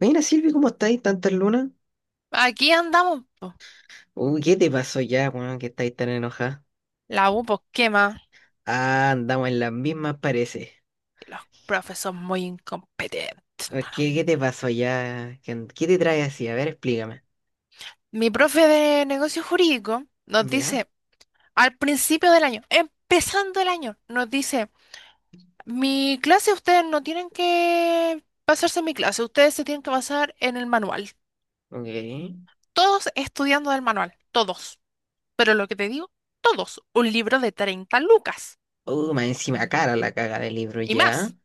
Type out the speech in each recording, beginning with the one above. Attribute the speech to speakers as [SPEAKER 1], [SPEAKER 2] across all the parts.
[SPEAKER 1] Mira, Silvi, ¿cómo estáis? ¿Tantas lunas?
[SPEAKER 2] Aquí andamos, po.
[SPEAKER 1] Uy, ¿qué te pasó ya, weón, que estáis tan enojada?
[SPEAKER 2] La U, pues, ¿qué más?
[SPEAKER 1] Ah, andamos en las mismas, parece.
[SPEAKER 2] Los profes son muy incompetentes,
[SPEAKER 1] A ver,
[SPEAKER 2] mano.
[SPEAKER 1] ¿qué te pasó ya. ¿Qué te trae así. A ver, explícame.
[SPEAKER 2] Mi profe de negocios jurídicos nos
[SPEAKER 1] ¿Ya?
[SPEAKER 2] dice, al principio del año, empezando el año, nos dice, mi clase ustedes no tienen que basarse en mi clase, ustedes se tienen que basar en el manual.
[SPEAKER 1] Ok.
[SPEAKER 2] Todos estudiando del manual, todos. Pero lo que te digo, todos. Un libro de 30 lucas
[SPEAKER 1] Más encima cara la caga del libro,
[SPEAKER 2] y
[SPEAKER 1] ¿ya?
[SPEAKER 2] más.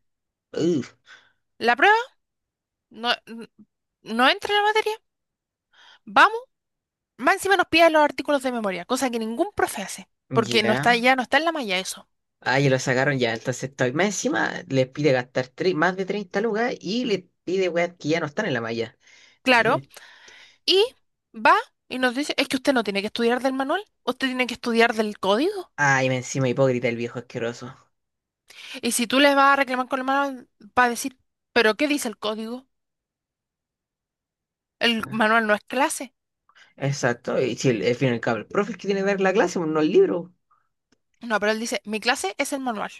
[SPEAKER 1] Uh,
[SPEAKER 2] La prueba no, no entra en la materia. Vamos. Más encima nos pide los artículos de memoria, cosa que ningún profe hace, porque no está,
[SPEAKER 1] ya.
[SPEAKER 2] ya no está en la malla eso.
[SPEAKER 1] Ah, ya lo sacaron ya, entonces estoy. Más encima les pide gastar más de 30 lucas y les pide, weón, que ya no están en la malla.
[SPEAKER 2] Claro.
[SPEAKER 1] Mire.
[SPEAKER 2] Y va y nos dice, es que usted no tiene que estudiar del manual, usted tiene que estudiar del código.
[SPEAKER 1] Ay, más encima hipócrita el viejo asqueroso.
[SPEAKER 2] Y si tú le vas a reclamar con el manual, va a decir, ¿pero qué dice el código? El manual no es clase.
[SPEAKER 1] Exacto, y si al fin y al cabo el profe es que tiene que ver la clase, pues, no el libro.
[SPEAKER 2] No, pero él dice, mi clase es el manual.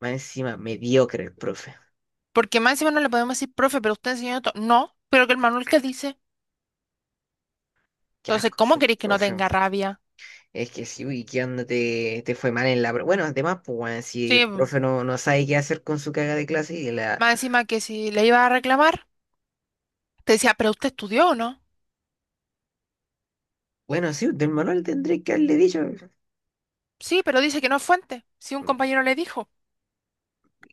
[SPEAKER 1] Más encima, mediocre el profe.
[SPEAKER 2] Porque más encima no le podemos decir, profe, pero usted enseñó esto. No, pero que el manual que dice.
[SPEAKER 1] Qué
[SPEAKER 2] Entonces,
[SPEAKER 1] asco
[SPEAKER 2] ¿cómo
[SPEAKER 1] ese
[SPEAKER 2] queréis que no
[SPEAKER 1] profe.
[SPEAKER 2] tenga rabia?
[SPEAKER 1] Es que sí, uy, ¿qué onda te fue mal en la... pro- Bueno, además, pues, weón, si el
[SPEAKER 2] Sí, más
[SPEAKER 1] profe no sabe qué hacer con su caga de clase y la.
[SPEAKER 2] encima que si le iba a reclamar, te decía, ¿pero usted estudió o no?
[SPEAKER 1] Bueno, sí, del manual tendré que haberle dicho.
[SPEAKER 2] Sí, pero dice que no es fuente. Si un compañero le dijo,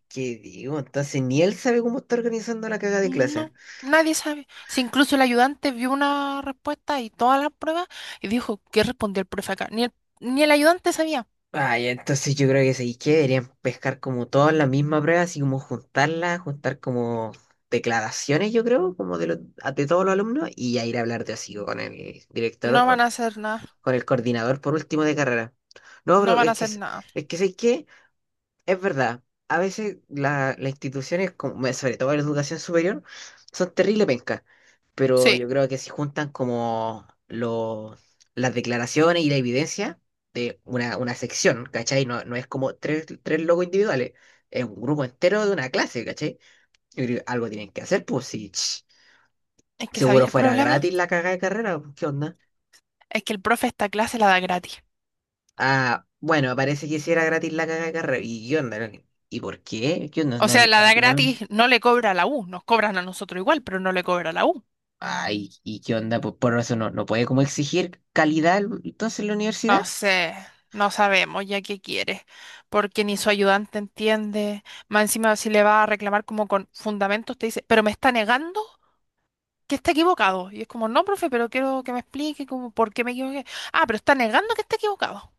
[SPEAKER 1] ¿Qué digo? Entonces, ni él sabe cómo está organizando la caga de clase.
[SPEAKER 2] no, nadie sabe. Si incluso el ayudante vio una respuesta y todas las pruebas y dijo, ¿qué respondió el profe acá? Ni el ayudante sabía.
[SPEAKER 1] Ay, entonces yo creo que sí, que deberían pescar como todas la misma prueba, así como juntarla, juntar como declaraciones, yo creo, como de todos los alumnos, y ya ir a hablar de así con el
[SPEAKER 2] No van a
[SPEAKER 1] director
[SPEAKER 2] hacer nada,
[SPEAKER 1] con el coordinador por último de carrera. No,
[SPEAKER 2] no
[SPEAKER 1] pero
[SPEAKER 2] van a
[SPEAKER 1] es que,
[SPEAKER 2] hacer
[SPEAKER 1] es
[SPEAKER 2] nada.
[SPEAKER 1] es que sé que es verdad. A veces las instituciones, como, bueno, sobre todo la educación superior, son terrible pencas. Pero
[SPEAKER 2] Sí,
[SPEAKER 1] yo creo que si juntan como las declaraciones y la evidencia de una sección, ¿cachai? No, no es como tres logos individuales, es un grupo entero de una clase, ¿cachai? Yo creo que algo tienen que hacer, pues si
[SPEAKER 2] es que sabía
[SPEAKER 1] seguro
[SPEAKER 2] el
[SPEAKER 1] fuera
[SPEAKER 2] problema,
[SPEAKER 1] gratis la cagada de carrera, pues, ¿qué onda?
[SPEAKER 2] es que el profe esta clase la da gratis.
[SPEAKER 1] Ah, bueno, parece que sí era gratis la caga de carrera. ¿Y qué onda? ¿No? ¿Y por qué? ¿Qué onda?
[SPEAKER 2] O
[SPEAKER 1] ¿No,
[SPEAKER 2] sea,
[SPEAKER 1] le
[SPEAKER 2] la
[SPEAKER 1] no le
[SPEAKER 2] da
[SPEAKER 1] tiraron?
[SPEAKER 2] gratis, no le cobra a la U, nos cobran a nosotros igual, pero no le cobra a la U.
[SPEAKER 1] Ay, ¿y qué onda? Pues por eso no puede como exigir calidad entonces la
[SPEAKER 2] No
[SPEAKER 1] universidad.
[SPEAKER 2] sé, no sabemos ya qué quiere, porque ni su ayudante entiende. Más encima, si le va a reclamar como con fundamentos, te dice, pero me está negando que está equivocado. Y es como, no, profe, pero quiero que me explique como por qué me equivoqué. Ah, pero está negando que está equivocado.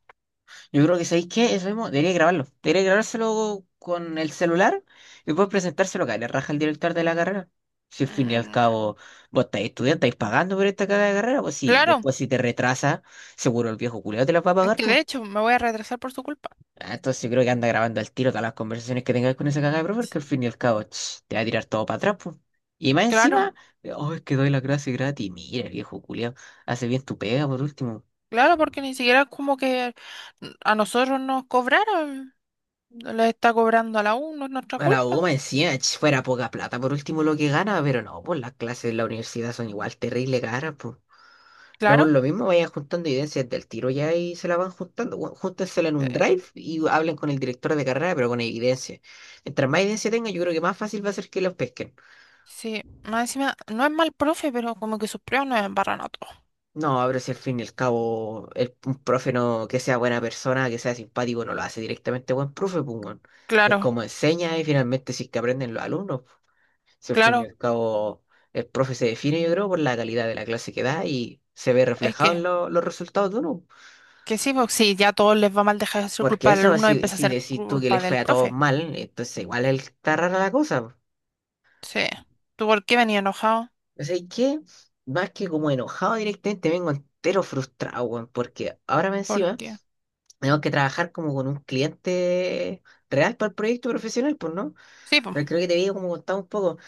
[SPEAKER 1] Yo creo que ¿sabéis qué? Eso mismo, debería grabarlo. Debería grabárselo con el celular y después presentárselo acá. Le raja el director de la carrera. Si al fin y al
[SPEAKER 2] Mm,
[SPEAKER 1] cabo vos estáis estudiando, estáis pagando por esta caga de carrera, pues sí,
[SPEAKER 2] claro,
[SPEAKER 1] después si te retrasa, seguro el viejo culiao te la va a
[SPEAKER 2] es
[SPEAKER 1] pagar,
[SPEAKER 2] que
[SPEAKER 1] ¿pues?
[SPEAKER 2] de hecho me voy a retrasar por su culpa.
[SPEAKER 1] Ah, entonces yo creo que anda grabando al tiro todas las conversaciones que tengas con esa cagada de profe, porque al
[SPEAKER 2] Sí.
[SPEAKER 1] fin y al cabo ch, te va a tirar todo para atrás, pues. Y más
[SPEAKER 2] Claro,
[SPEAKER 1] encima, oh, es que doy la clase gratis. Mira, viejo culiao, hace bien tu pega por último.
[SPEAKER 2] claro, porque ni siquiera como que a nosotros nos cobraron, les está cobrando a la U, no es nuestra
[SPEAKER 1] A la U
[SPEAKER 2] culpa.
[SPEAKER 1] encima, ch, fuera poca plata por último lo que gana, pero no, pues las clases en la universidad son igual terrible caras, pues. Pero por
[SPEAKER 2] Claro.
[SPEAKER 1] lo mismo vayan juntando evidencias del tiro ya y se la van juntando. Bueno, júntensela en un
[SPEAKER 2] eh,
[SPEAKER 1] drive y hablen con el director de carrera, pero con evidencia. Mientras más evidencia tenga, yo creo que más fácil va a ser que los pesquen.
[SPEAKER 2] Sí, más encima, no es mal profe, pero como que sus pruebas nos embarran a todos.
[SPEAKER 1] No, pero si al fin y al cabo el, un profe no, que sea buena persona, que sea simpático, no lo hace directamente buen profe, pues, weón. Es
[SPEAKER 2] Claro,
[SPEAKER 1] como enseña y finalmente si es que aprenden los alumnos, pues. Si al fin y
[SPEAKER 2] claro,
[SPEAKER 1] al cabo el profe se define, yo creo, por la calidad de la clase que da y se ve
[SPEAKER 2] es
[SPEAKER 1] reflejado en los resultados de uno.
[SPEAKER 2] que sí, pues sí, ya a todos les va mal, dejar de ser
[SPEAKER 1] Porque
[SPEAKER 2] culpa del
[SPEAKER 1] eso,
[SPEAKER 2] alumno y
[SPEAKER 1] si,
[SPEAKER 2] empieza a
[SPEAKER 1] si
[SPEAKER 2] ser
[SPEAKER 1] decís tú que
[SPEAKER 2] culpa
[SPEAKER 1] les fue
[SPEAKER 2] del
[SPEAKER 1] a todos
[SPEAKER 2] profe.
[SPEAKER 1] mal, entonces igual es está rara la cosa, pues.
[SPEAKER 2] Sí. ¿Tú por qué venía enojado?
[SPEAKER 1] O sea, ¿y qué? Más que como enojado directamente, vengo entero frustrado, weón, porque ahora me
[SPEAKER 2] ¿Por
[SPEAKER 1] encima.
[SPEAKER 2] qué?
[SPEAKER 1] Tenemos que trabajar como con un cliente real para el proyecto profesional, pues, ¿no?
[SPEAKER 2] Sí, pues,
[SPEAKER 1] Pero creo que te había como contado un poco.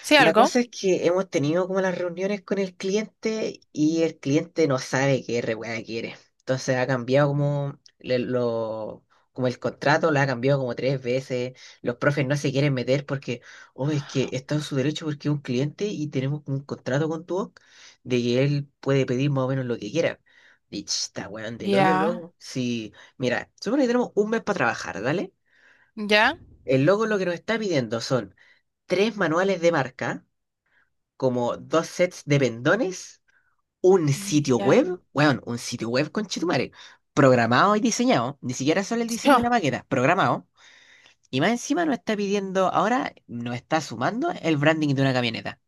[SPEAKER 2] sí,
[SPEAKER 1] La
[SPEAKER 2] algo.
[SPEAKER 1] cosa es que hemos tenido como las reuniones con el cliente y el cliente no sabe qué re weá quiere. Entonces ha cambiado como, como el contrato, lo ha cambiado como tres veces. Los profes no se quieren meter porque, oh, es que está en su derecho porque es un cliente y tenemos un contrato con tu OC de que él puede pedir más o menos lo que quiera. Y ch, está weón del hoyo
[SPEAKER 2] Ya,
[SPEAKER 1] luego. Si mira, supone que tenemos un mes para trabajar, ¿dale?
[SPEAKER 2] ya,
[SPEAKER 1] El logo lo que nos está pidiendo son tres manuales de marca, como dos sets de pendones, un sitio
[SPEAKER 2] ya.
[SPEAKER 1] web, weón, un sitio web con Chitumare, programado y diseñado, ni siquiera solo el diseño
[SPEAKER 2] Yo,
[SPEAKER 1] de la maqueta, programado, y más encima nos está pidiendo, ahora nos está sumando el branding de una camioneta.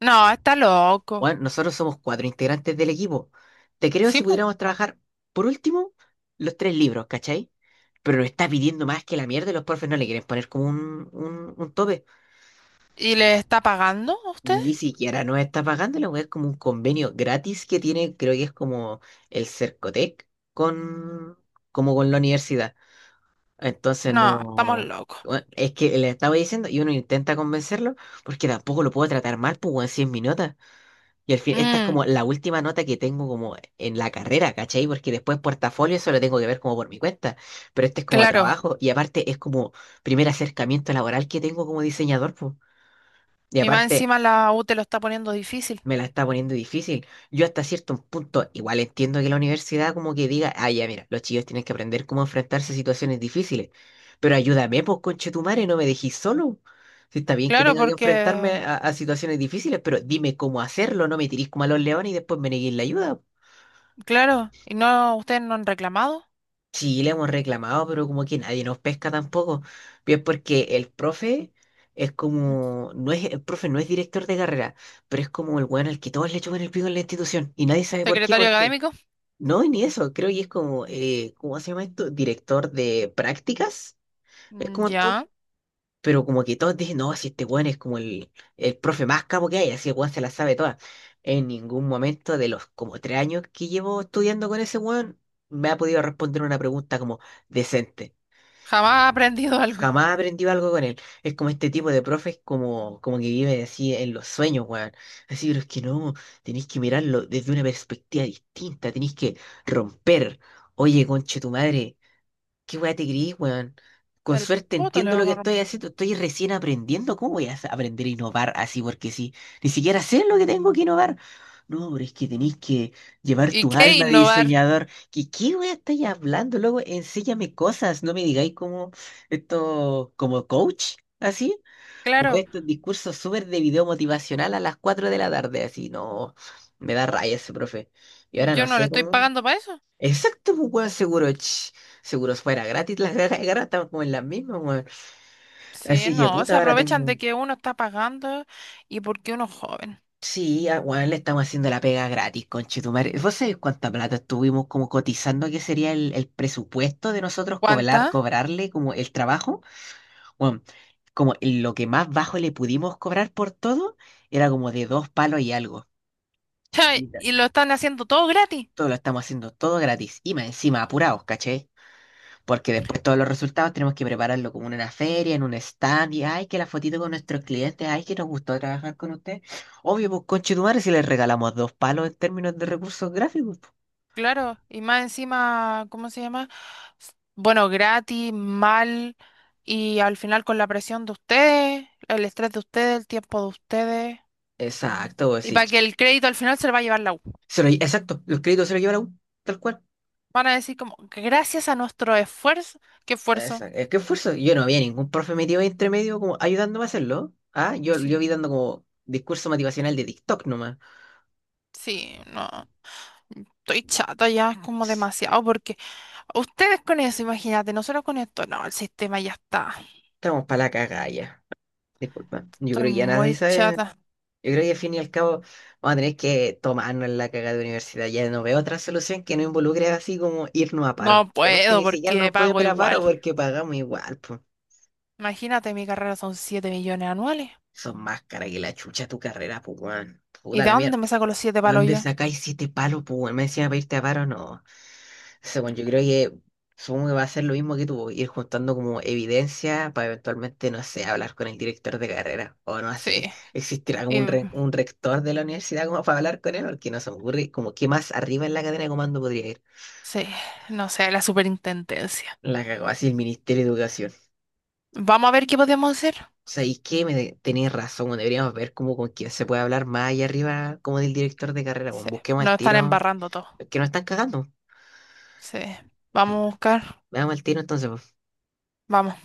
[SPEAKER 2] no, está loco.
[SPEAKER 1] Weón, nosotros somos cuatro integrantes del equipo. Te creo si
[SPEAKER 2] Sí, pues.
[SPEAKER 1] pudiéramos trabajar, por último, los tres libros, ¿cachai? Pero nos está pidiendo más que la mierda y los profes no le quieren poner como un tope.
[SPEAKER 2] ¿Y le está pagando a usted?
[SPEAKER 1] Ni siquiera nos está pagando, la weá es como un convenio gratis que tiene, creo que es como el Cercotec con, como con la universidad. Entonces
[SPEAKER 2] No, estamos
[SPEAKER 1] no,
[SPEAKER 2] locos.
[SPEAKER 1] bueno, es que le estaba diciendo y uno intenta convencerlo porque tampoco lo puedo tratar mal, pues weón, si es mi nota. Y al fin, esta es
[SPEAKER 2] Mm,
[SPEAKER 1] como la última nota que tengo como en la carrera, ¿cachai? Porque después portafolio eso lo tengo que ver como por mi cuenta, pero este es como
[SPEAKER 2] claro.
[SPEAKER 1] trabajo y aparte es como primer acercamiento laboral que tengo como diseñador, pues. Y
[SPEAKER 2] Y más
[SPEAKER 1] aparte.
[SPEAKER 2] encima la U te lo está poniendo difícil.
[SPEAKER 1] Me la está poniendo difícil. Yo hasta cierto punto, igual entiendo que la universidad como que diga, ah, ya, mira, los chicos tienen que aprender cómo enfrentarse a situaciones difíciles, pero ayúdame, pues, conchetumare, no me dejís solo. Si está bien que
[SPEAKER 2] Claro,
[SPEAKER 1] tenga que enfrentarme
[SPEAKER 2] porque
[SPEAKER 1] a, situaciones difíciles, pero dime cómo hacerlo, no me tirís como a los leones y después me neguéis la ayuda.
[SPEAKER 2] claro, ¿y no ustedes no han reclamado?
[SPEAKER 1] Sí, le hemos reclamado, pero como que nadie nos pesca tampoco. Bien, porque el profe es como, el profe no es director de carrera, pero es como el weón al que todos le chupan el pico en la institución y nadie sabe por qué,
[SPEAKER 2] Secretario
[SPEAKER 1] porque.
[SPEAKER 2] académico.
[SPEAKER 1] No, ni eso, creo que es como, ¿cómo se llama esto? Director de prácticas, es
[SPEAKER 2] Mm,
[SPEAKER 1] como el punto,
[SPEAKER 2] ya.
[SPEAKER 1] pero como que todos dicen, no, si este weón es como el profe más capo que hay, así el weón se la sabe toda. En ningún momento de los como 3 años que llevo estudiando con ese weón, me ha podido responder una pregunta como decente.
[SPEAKER 2] Jamás ha aprendido algo.
[SPEAKER 1] Jamás aprendí algo con él. Es como este tipo de profes como que vive así en los sueños, weón. Así, pero es que no, tenéis que mirarlo desde una perspectiva distinta, tenéis que romper. Oye, conche tu madre, qué weá te gris, weón. Con
[SPEAKER 2] El
[SPEAKER 1] suerte
[SPEAKER 2] poto le
[SPEAKER 1] entiendo lo que
[SPEAKER 2] vamos a
[SPEAKER 1] estoy
[SPEAKER 2] romper.
[SPEAKER 1] haciendo. Estoy recién aprendiendo. ¿Cómo voy a aprender a innovar así? Porque sí, ni siquiera sé lo que tengo que innovar. No, pero es que tenéis que llevar
[SPEAKER 2] ¿Y
[SPEAKER 1] tu
[SPEAKER 2] qué
[SPEAKER 1] alma de
[SPEAKER 2] innovar?
[SPEAKER 1] diseñador. ¿Qué weá estáis hablando. Luego enséñame cosas. No me digáis como esto, como coach, así. Como
[SPEAKER 2] Claro,
[SPEAKER 1] estos discursos súper de video motivacional a las 4 de la tarde, así. No, me da raya ese profe. Y ahora
[SPEAKER 2] yo
[SPEAKER 1] no
[SPEAKER 2] no le
[SPEAKER 1] sé
[SPEAKER 2] estoy
[SPEAKER 1] cómo.
[SPEAKER 2] pagando para eso.
[SPEAKER 1] Exacto, pues, weón, seguro, ch, seguro fuera gratis las ganas de estamos como en las mismas, weón.
[SPEAKER 2] Sí,
[SPEAKER 1] Así que,
[SPEAKER 2] no, se
[SPEAKER 1] puta, ahora tengo...
[SPEAKER 2] aprovechan de
[SPEAKER 1] un-
[SPEAKER 2] que uno está pagando y porque uno es joven.
[SPEAKER 1] Sí, weón, le estamos haciendo la pega gratis, conchetumare. ¿Vos sabés cuánta plata estuvimos como cotizando que sería el presupuesto de nosotros
[SPEAKER 2] ¿Cuánta?
[SPEAKER 1] cobrarle como el trabajo? Weón, como lo que más bajo le pudimos cobrar por todo era como de 2 palos y algo. Y ta-
[SPEAKER 2] Y lo están haciendo todo gratis.
[SPEAKER 1] todo lo estamos haciendo todo gratis. Y más encima apurados, ¿caché? Porque después todos los resultados tenemos que prepararlo como en una feria, en un stand, y ay, que la fotito con nuestros clientes, ay, que nos gustó trabajar con usted. Obvio, pues conchetumare si les regalamos 2 palos en términos de recursos gráficos, po.
[SPEAKER 2] Claro, y más encima, ¿cómo se llama? Bueno, gratis, mal, y al final con la presión de ustedes, el estrés de ustedes, el tiempo de ustedes.
[SPEAKER 1] Exacto, pues
[SPEAKER 2] Y
[SPEAKER 1] sí.
[SPEAKER 2] para que el crédito al final se lo va a llevar la U.
[SPEAKER 1] Exacto, los créditos se los lleva la U, tal cual.
[SPEAKER 2] Van a decir como, gracias a nuestro esfuerzo. ¿Qué esfuerzo?
[SPEAKER 1] Exacto. Es que esfuerzo. Yo no vi a ningún profe metido ahí entre medio como ayudándome a hacerlo. Ah, yo
[SPEAKER 2] Sí,
[SPEAKER 1] vi dando como discurso motivacional de TikTok nomás.
[SPEAKER 2] sí, no. Estoy chata ya, es como
[SPEAKER 1] Sí,
[SPEAKER 2] demasiado, porque ustedes con eso, imagínate, nosotros con esto, no, el sistema ya está.
[SPEAKER 1] estamos para la cagalla. Disculpa. Yo
[SPEAKER 2] Estoy
[SPEAKER 1] creo que ya nadie
[SPEAKER 2] muy
[SPEAKER 1] sabe.
[SPEAKER 2] chata.
[SPEAKER 1] Yo creo que al fin y al cabo vamos a tener que tomarnos la caga de universidad. Ya no veo otra solución que no involucre así como irnos a paro.
[SPEAKER 2] No
[SPEAKER 1] Y aparte
[SPEAKER 2] puedo
[SPEAKER 1] ni siquiera
[SPEAKER 2] porque
[SPEAKER 1] nos podemos
[SPEAKER 2] pago
[SPEAKER 1] ir a paro
[SPEAKER 2] igual.
[SPEAKER 1] porque pagamos igual, pues.
[SPEAKER 2] Imagínate, mi carrera son 7 millones anuales.
[SPEAKER 1] Son más caras que la chucha tu carrera, pues, weón.
[SPEAKER 2] ¿Y
[SPEAKER 1] Puta
[SPEAKER 2] de
[SPEAKER 1] la
[SPEAKER 2] dónde
[SPEAKER 1] mierda.
[SPEAKER 2] me saco los siete
[SPEAKER 1] ¿De
[SPEAKER 2] palos
[SPEAKER 1] dónde
[SPEAKER 2] yo?
[SPEAKER 1] sacáis 7 palos, pues, weón? Me decían pedirte a paro, no. Según yo
[SPEAKER 2] Mm,
[SPEAKER 1] creo que supongo que va a ser lo mismo que tú, ir juntando como evidencia para eventualmente, no sé, hablar con el director de carrera. O no
[SPEAKER 2] sí,
[SPEAKER 1] sé, existirá como
[SPEAKER 2] y-
[SPEAKER 1] un rector de la universidad como para hablar con él, porque no se me ocurre como qué más arriba en la cadena de comando podría ir.
[SPEAKER 2] sí, no sé, la superintendencia.
[SPEAKER 1] La cagó así el Ministerio de Educación.
[SPEAKER 2] Vamos a ver qué podemos hacer.
[SPEAKER 1] ¿Sabéis qué? Tenéis razón, weón, deberíamos ver como con quién se puede hablar más allá arriba como del director de carrera, weón.
[SPEAKER 2] Sí,
[SPEAKER 1] Busquemos al
[SPEAKER 2] nos están
[SPEAKER 1] tiro,
[SPEAKER 2] embarrando todo.
[SPEAKER 1] que nos están cagando.
[SPEAKER 2] Sí. Vamos a buscar.
[SPEAKER 1] Veamos al tiro entonces, pues.
[SPEAKER 2] Vamos.